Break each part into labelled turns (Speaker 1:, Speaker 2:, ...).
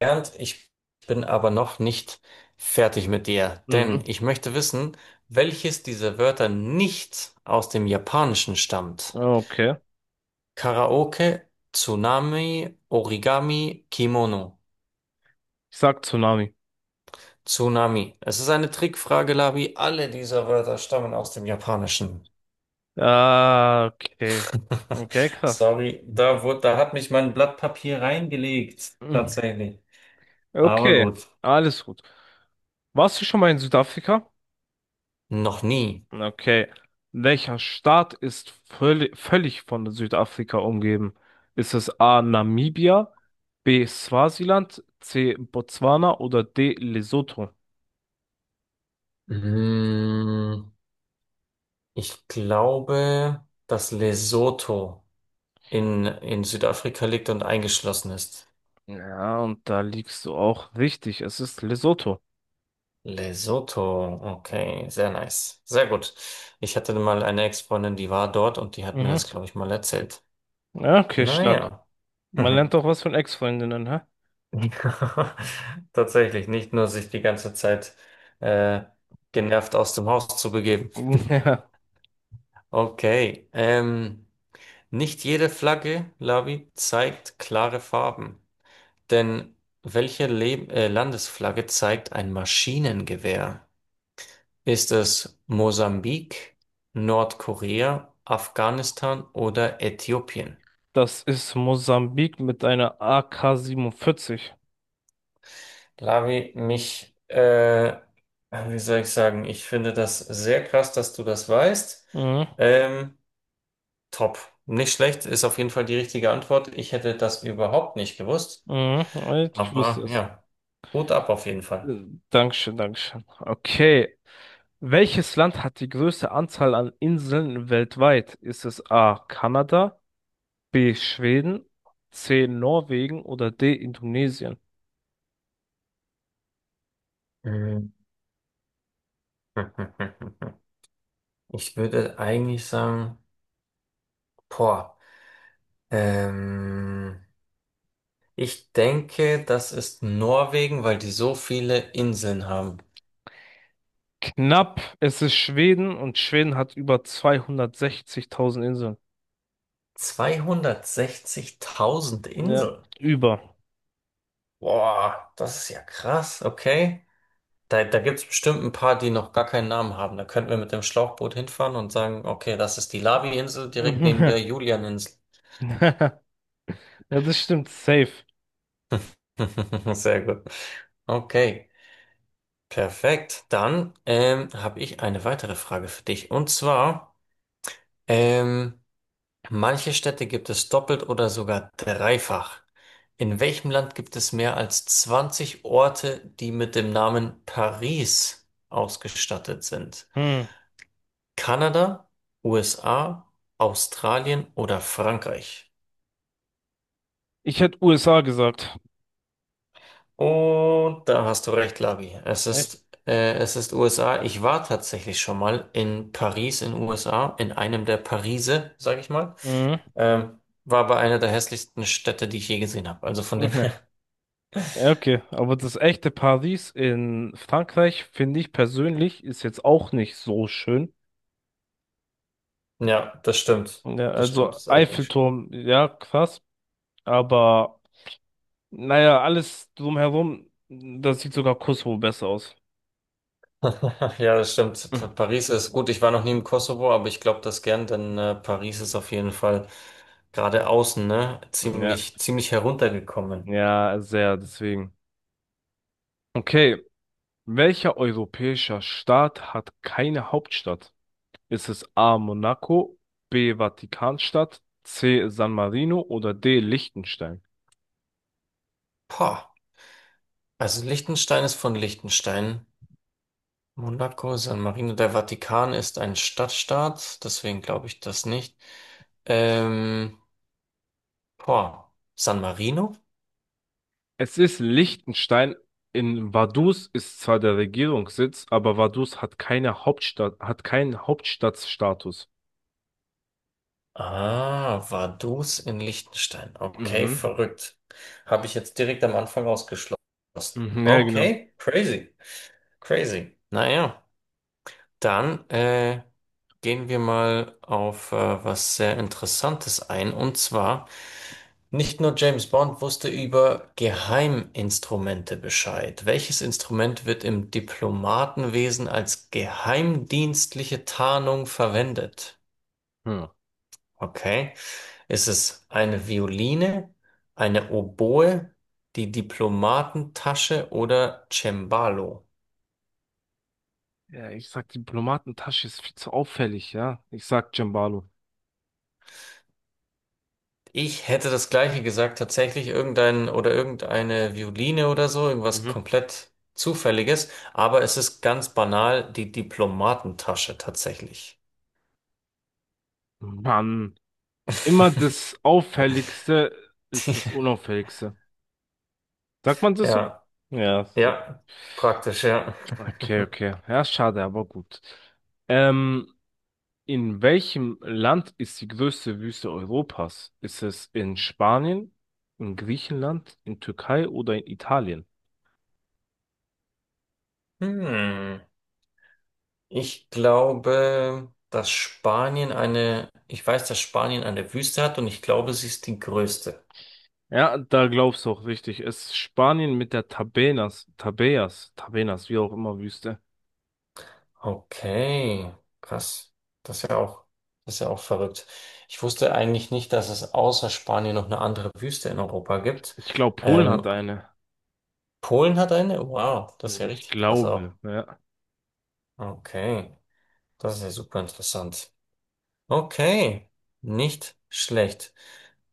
Speaker 1: Bernd, ich bin aber noch nicht fertig mit dir, denn
Speaker 2: Mhm.
Speaker 1: ich möchte wissen, welches dieser Wörter nicht aus dem Japanischen stammt.
Speaker 2: Okay.
Speaker 1: Karaoke, Tsunami, Origami, Kimono.
Speaker 2: Ich sag Tsunami.
Speaker 1: Tsunami. Es ist eine Trickfrage, Labi. Alle dieser Wörter stammen aus dem Japanischen.
Speaker 2: Ah, okay. Okay, krass.
Speaker 1: Sorry, da hat mich mein Blatt Papier reingelegt,
Speaker 2: Mhm.
Speaker 1: tatsächlich. Aber
Speaker 2: Okay,
Speaker 1: gut.
Speaker 2: alles gut. Warst du schon mal in Südafrika?
Speaker 1: Noch nie.
Speaker 2: Okay. Welcher Staat ist völlig, völlig von Südafrika umgeben? Ist es A. Namibia, B. Swasiland, C. Botswana oder D. Lesotho?
Speaker 1: Mm. Ich glaube, dass Lesotho in Südafrika liegt und eingeschlossen ist.
Speaker 2: Ja, und da liegst du auch richtig. Es ist Lesotho.
Speaker 1: Lesotho, okay, sehr nice. Sehr gut. Ich hatte mal eine Ex-Freundin, die war dort und die hat mir
Speaker 2: Mhm.
Speaker 1: das, glaube ich, mal erzählt.
Speaker 2: Ja, okay, stark.
Speaker 1: Naja.
Speaker 2: Man
Speaker 1: Mhm.
Speaker 2: lernt doch was von Ex-Freundinnen, hä?
Speaker 1: Tatsächlich, nicht nur sich die ganze Zeit äh, genervt aus dem Haus zu begeben.
Speaker 2: Ja,
Speaker 1: Okay. Nicht jede Flagge, Lavi, zeigt klare Farben. Denn welche Le Landesflagge zeigt ein Maschinengewehr? Ist es Mosambik, Nordkorea, Afghanistan oder Äthiopien?
Speaker 2: das ist Mosambik mit einer AK-47.
Speaker 1: Lavi, wie soll ich sagen, ich finde das sehr krass, dass du das weißt.
Speaker 2: Mhm.
Speaker 1: Ähm, top. Nicht schlecht, ist auf jeden Fall die richtige Antwort. Ich hätte das überhaupt nicht gewusst.
Speaker 2: Mhm. Ich wusste
Speaker 1: Aber
Speaker 2: es.
Speaker 1: ja, gut ab auf jeden Fall.
Speaker 2: Äh, Dankeschön, Dankeschön. Okay. Welches Land hat die größte Anzahl an Inseln weltweit? Ist es A. Kanada, B. Schweden, C. Norwegen oder D. Indonesien?
Speaker 1: Mhm. Ich würde eigentlich sagen. Boah, ähm, ich denke, das ist Norwegen, weil die so viele Inseln haben.
Speaker 2: Knapp, es ist Schweden und Schweden hat über 260.000 Inseln.
Speaker 1: 260.000
Speaker 2: Ja,
Speaker 1: Inseln.
Speaker 2: über.
Speaker 1: Boah, das ist ja krass, okay. Da gibt es bestimmt ein paar, die noch gar keinen Namen haben. Da könnten wir mit dem Schlauchboot hinfahren und sagen, okay, das ist die lavi insel direkt neben der Julian-Insel.
Speaker 2: Ja, das stimmt, safe.
Speaker 1: Sehr gut. Okay, perfekt. Dann habe ich eine weitere Frage für dich. Und zwar, ähm, manche Städte gibt es doppelt oder sogar dreifach. In welchem Land gibt es mehr als 20 Orte, die mit dem Namen Paris ausgestattet sind?
Speaker 2: Hm.
Speaker 1: Kanada, USA, Australien oder Frankreich?
Speaker 2: Ich hätte USA gesagt.
Speaker 1: Und da hast du recht, Labi. Es
Speaker 2: Echt?
Speaker 1: ist, äh, es ist USA. Ich war tatsächlich schon mal in Paris in USA, in einem der Parise, sag ich mal.
Speaker 2: Mhm.
Speaker 1: War aber einer der hässlichsten Städte, die ich je gesehen habe. Also von dem.
Speaker 2: Mhm. Ja, okay, aber das echte Paris in Frankreich, finde ich persönlich, ist jetzt auch nicht so schön.
Speaker 1: Ja, das stimmt.
Speaker 2: Ja,
Speaker 1: Das stimmt,
Speaker 2: also
Speaker 1: das ist echt nicht schön.
Speaker 2: Eiffelturm, ja, krass, aber naja, alles drumherum, das sieht sogar Kosovo besser aus.
Speaker 1: Ja, das stimmt.
Speaker 2: Mhm.
Speaker 1: Paris ist gut. Ich war noch nie im Kosovo, aber ich glaube das gern, denn Paris ist auf jeden Fall gerade außen, ne,
Speaker 2: Ja,
Speaker 1: ziemlich heruntergekommen.
Speaker 2: ja, sehr, deswegen. Okay, welcher europäischer Staat hat keine Hauptstadt? Ist es A. Monaco, B. Vatikanstadt, C. San Marino oder D. Liechtenstein?
Speaker 1: Pah. Also Liechtenstein ist von Liechtenstein. Monaco, San Marino, der Vatikan ist ein Stadtstaat, deswegen glaube ich das nicht. Ähm, boah, San Marino?
Speaker 2: Es ist Liechtenstein. In Vaduz ist zwar der Regierungssitz, aber Vaduz hat keine Hauptstadt, hat keinen Hauptstadtstatus.
Speaker 1: Ah, Vaduz in Liechtenstein. Okay,
Speaker 2: Mhm.
Speaker 1: verrückt. Habe ich jetzt direkt am Anfang ausgeschlossen.
Speaker 2: Mhm, ja, genau.
Speaker 1: Okay, crazy, crazy. Naja, dann gehen wir mal auf was sehr Interessantes ein. Und zwar, nicht nur James Bond wusste über Geheiminstrumente Bescheid. Welches Instrument wird im Diplomatenwesen als geheimdienstliche Tarnung verwendet?
Speaker 2: Ja.
Speaker 1: Okay. Ist es eine Violine, eine Oboe, die Diplomatentasche oder Cembalo?
Speaker 2: Ja, ich sag, Diplomatentasche ist viel zu auffällig, ja. Ich sag Cembalo.
Speaker 1: Ich hätte das Gleiche gesagt, tatsächlich irgendein oder irgendeine Violine oder so, irgendwas
Speaker 2: Mhm.
Speaker 1: komplett Zufälliges, aber es ist ganz banal die Diplomatentasche tatsächlich.
Speaker 2: Mann. Immer das Auffälligste
Speaker 1: Die,
Speaker 2: ist das Unauffälligste. Sagt man das so?
Speaker 1: ja,
Speaker 2: Ja, so.
Speaker 1: ja, praktisch, ja.
Speaker 2: Okay, okay. Ja, schade, aber gut. Ähm, in welchem Land ist die größte Wüste Europas? Ist es in Spanien, in Griechenland, in Türkei oder in Italien?
Speaker 1: Hm. Ich glaube, dass Spanien eine, ich weiß, dass Spanien eine Wüste hat und ich glaube, sie ist die größte.
Speaker 2: Ja, da glaubst du auch richtig. Es ist Spanien mit der Tabenas, Tabeas, Tabenas, wie auch immer Wüste.
Speaker 1: Okay, krass. Das ist ja auch, das ist ja auch verrückt. Ich wusste eigentlich nicht, dass es außer Spanien noch eine andere Wüste in Europa gibt.
Speaker 2: Ich glaube, Polen hat
Speaker 1: Ähm,
Speaker 2: eine.
Speaker 1: Polen hat eine? Wow, das ist ja
Speaker 2: Ich
Speaker 1: richtig krass
Speaker 2: glaube,
Speaker 1: auch.
Speaker 2: ja.
Speaker 1: Okay, das ist ja super interessant. Okay, nicht schlecht.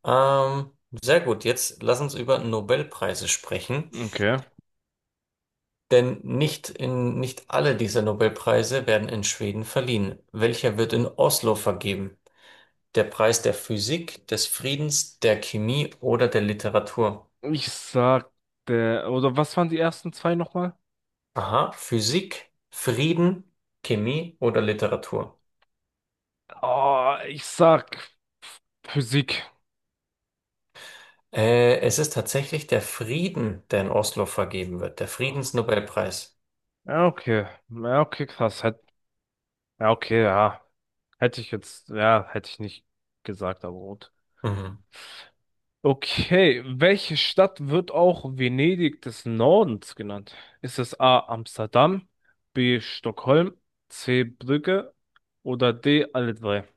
Speaker 1: Ähm, sehr gut, jetzt lass uns über Nobelpreise sprechen.
Speaker 2: Okay.
Speaker 1: Denn nicht alle dieser Nobelpreise werden in Schweden verliehen. Welcher wird in Oslo vergeben? Der Preis der Physik, des Friedens, der Chemie oder der Literatur?
Speaker 2: Ich sag, oder was waren die ersten zwei nochmal?
Speaker 1: Aha, Physik, Frieden, Chemie oder Literatur?
Speaker 2: Oh, ich sag Physik.
Speaker 1: Es ist tatsächlich der Frieden, der in Oslo vergeben wird, der
Speaker 2: Oh.
Speaker 1: Friedensnobelpreis.
Speaker 2: Ja, okay. Ja, okay, krass. Hätt, ja, okay, ja. Hätte ich jetzt, ja, hätte ich nicht gesagt, aber gut.
Speaker 1: Mhm.
Speaker 2: Okay, welche Stadt wird auch Venedig des Nordens genannt? Ist es A. Amsterdam, B. Stockholm, C. Brügge oder D. alle drei?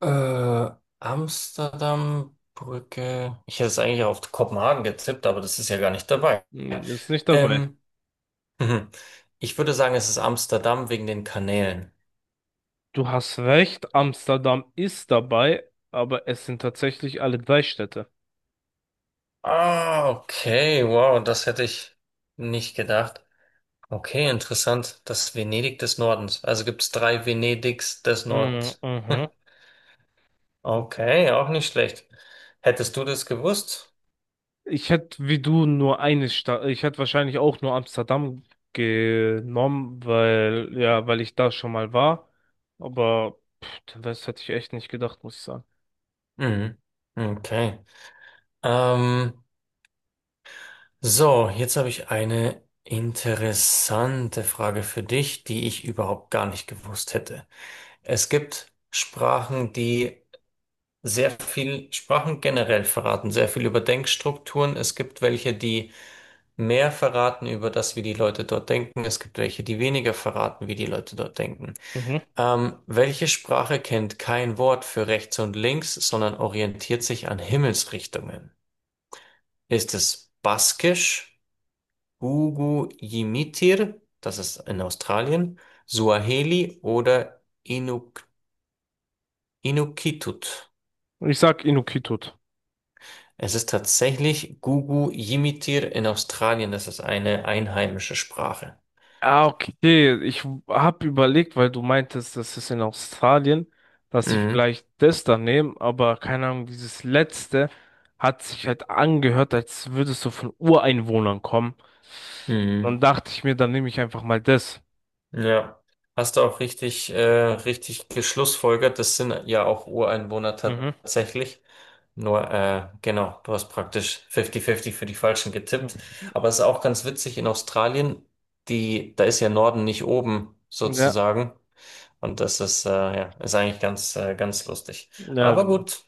Speaker 1: Äh, Amsterdam, Brücke. Ich hätte es eigentlich auf Kopenhagen getippt, aber das ist ja gar nicht dabei.
Speaker 2: Hm, ist nicht dabei.
Speaker 1: Ähm, Mhm. Ich würde sagen, es ist Amsterdam wegen den Kanälen.
Speaker 2: Du hast recht, Amsterdam ist dabei, aber es sind tatsächlich alle drei Städte.
Speaker 1: Ah, okay, wow, das hätte ich nicht gedacht. Okay, interessant. Das Venedig des Nordens. Also gibt es drei Venedigs des
Speaker 2: Mhm,
Speaker 1: Nordens.
Speaker 2: mhm.
Speaker 1: Okay, auch nicht schlecht. Hättest du das gewusst?
Speaker 2: Ich hätte wie du nur eine Stadt, ich hätte wahrscheinlich auch nur Amsterdam genommen, weil, ja, weil ich da schon mal war. Aber pff, den Rest hätte ich echt nicht gedacht, muss ich sagen.
Speaker 1: Mhm. Okay. Ähm, so, jetzt habe ich eine interessante Frage für dich, die ich überhaupt gar nicht gewusst hätte. Es gibt Sprachen, die sehr viel Sprachen generell verraten, sehr viel über Denkstrukturen. Es gibt welche, die mehr verraten über das, wie die Leute dort denken. Es gibt welche, die weniger verraten, wie die Leute dort denken.
Speaker 2: Mhm.
Speaker 1: Welche Sprache kennt kein Wort für rechts und links, sondern orientiert sich an Himmelsrichtungen? Ist es Baskisch, Gugu Yimitir, das ist in Australien, Suaheli oder Inukitut?
Speaker 2: Ich sag Inukjuat.
Speaker 1: Es ist tatsächlich Gugu Yimitir in Australien. Das ist eine einheimische Sprache.
Speaker 2: Ah, okay. Ich habe überlegt, weil du meintest, das ist in Australien, dass ich
Speaker 1: Mhm.
Speaker 2: vielleicht das dann nehme, aber keine Ahnung, dieses letzte hat sich halt angehört, als würdest du von Ureinwohnern kommen.
Speaker 1: Mhm.
Speaker 2: Dann dachte ich mir, dann nehme ich einfach mal das.
Speaker 1: Ja. Hast du auch richtig geschlussfolgert. Das sind ja auch Ureinwohner
Speaker 2: Mhm.
Speaker 1: tatsächlich. Nur, genau, du hast praktisch 50-50 für die Falschen getippt. Aber es ist auch ganz witzig, in Australien, die, da ist ja Norden nicht oben,
Speaker 2: Ja,
Speaker 1: sozusagen. Und das ist, ja, ist eigentlich ganz lustig.
Speaker 2: ja,
Speaker 1: Aber
Speaker 2: genau.
Speaker 1: gut,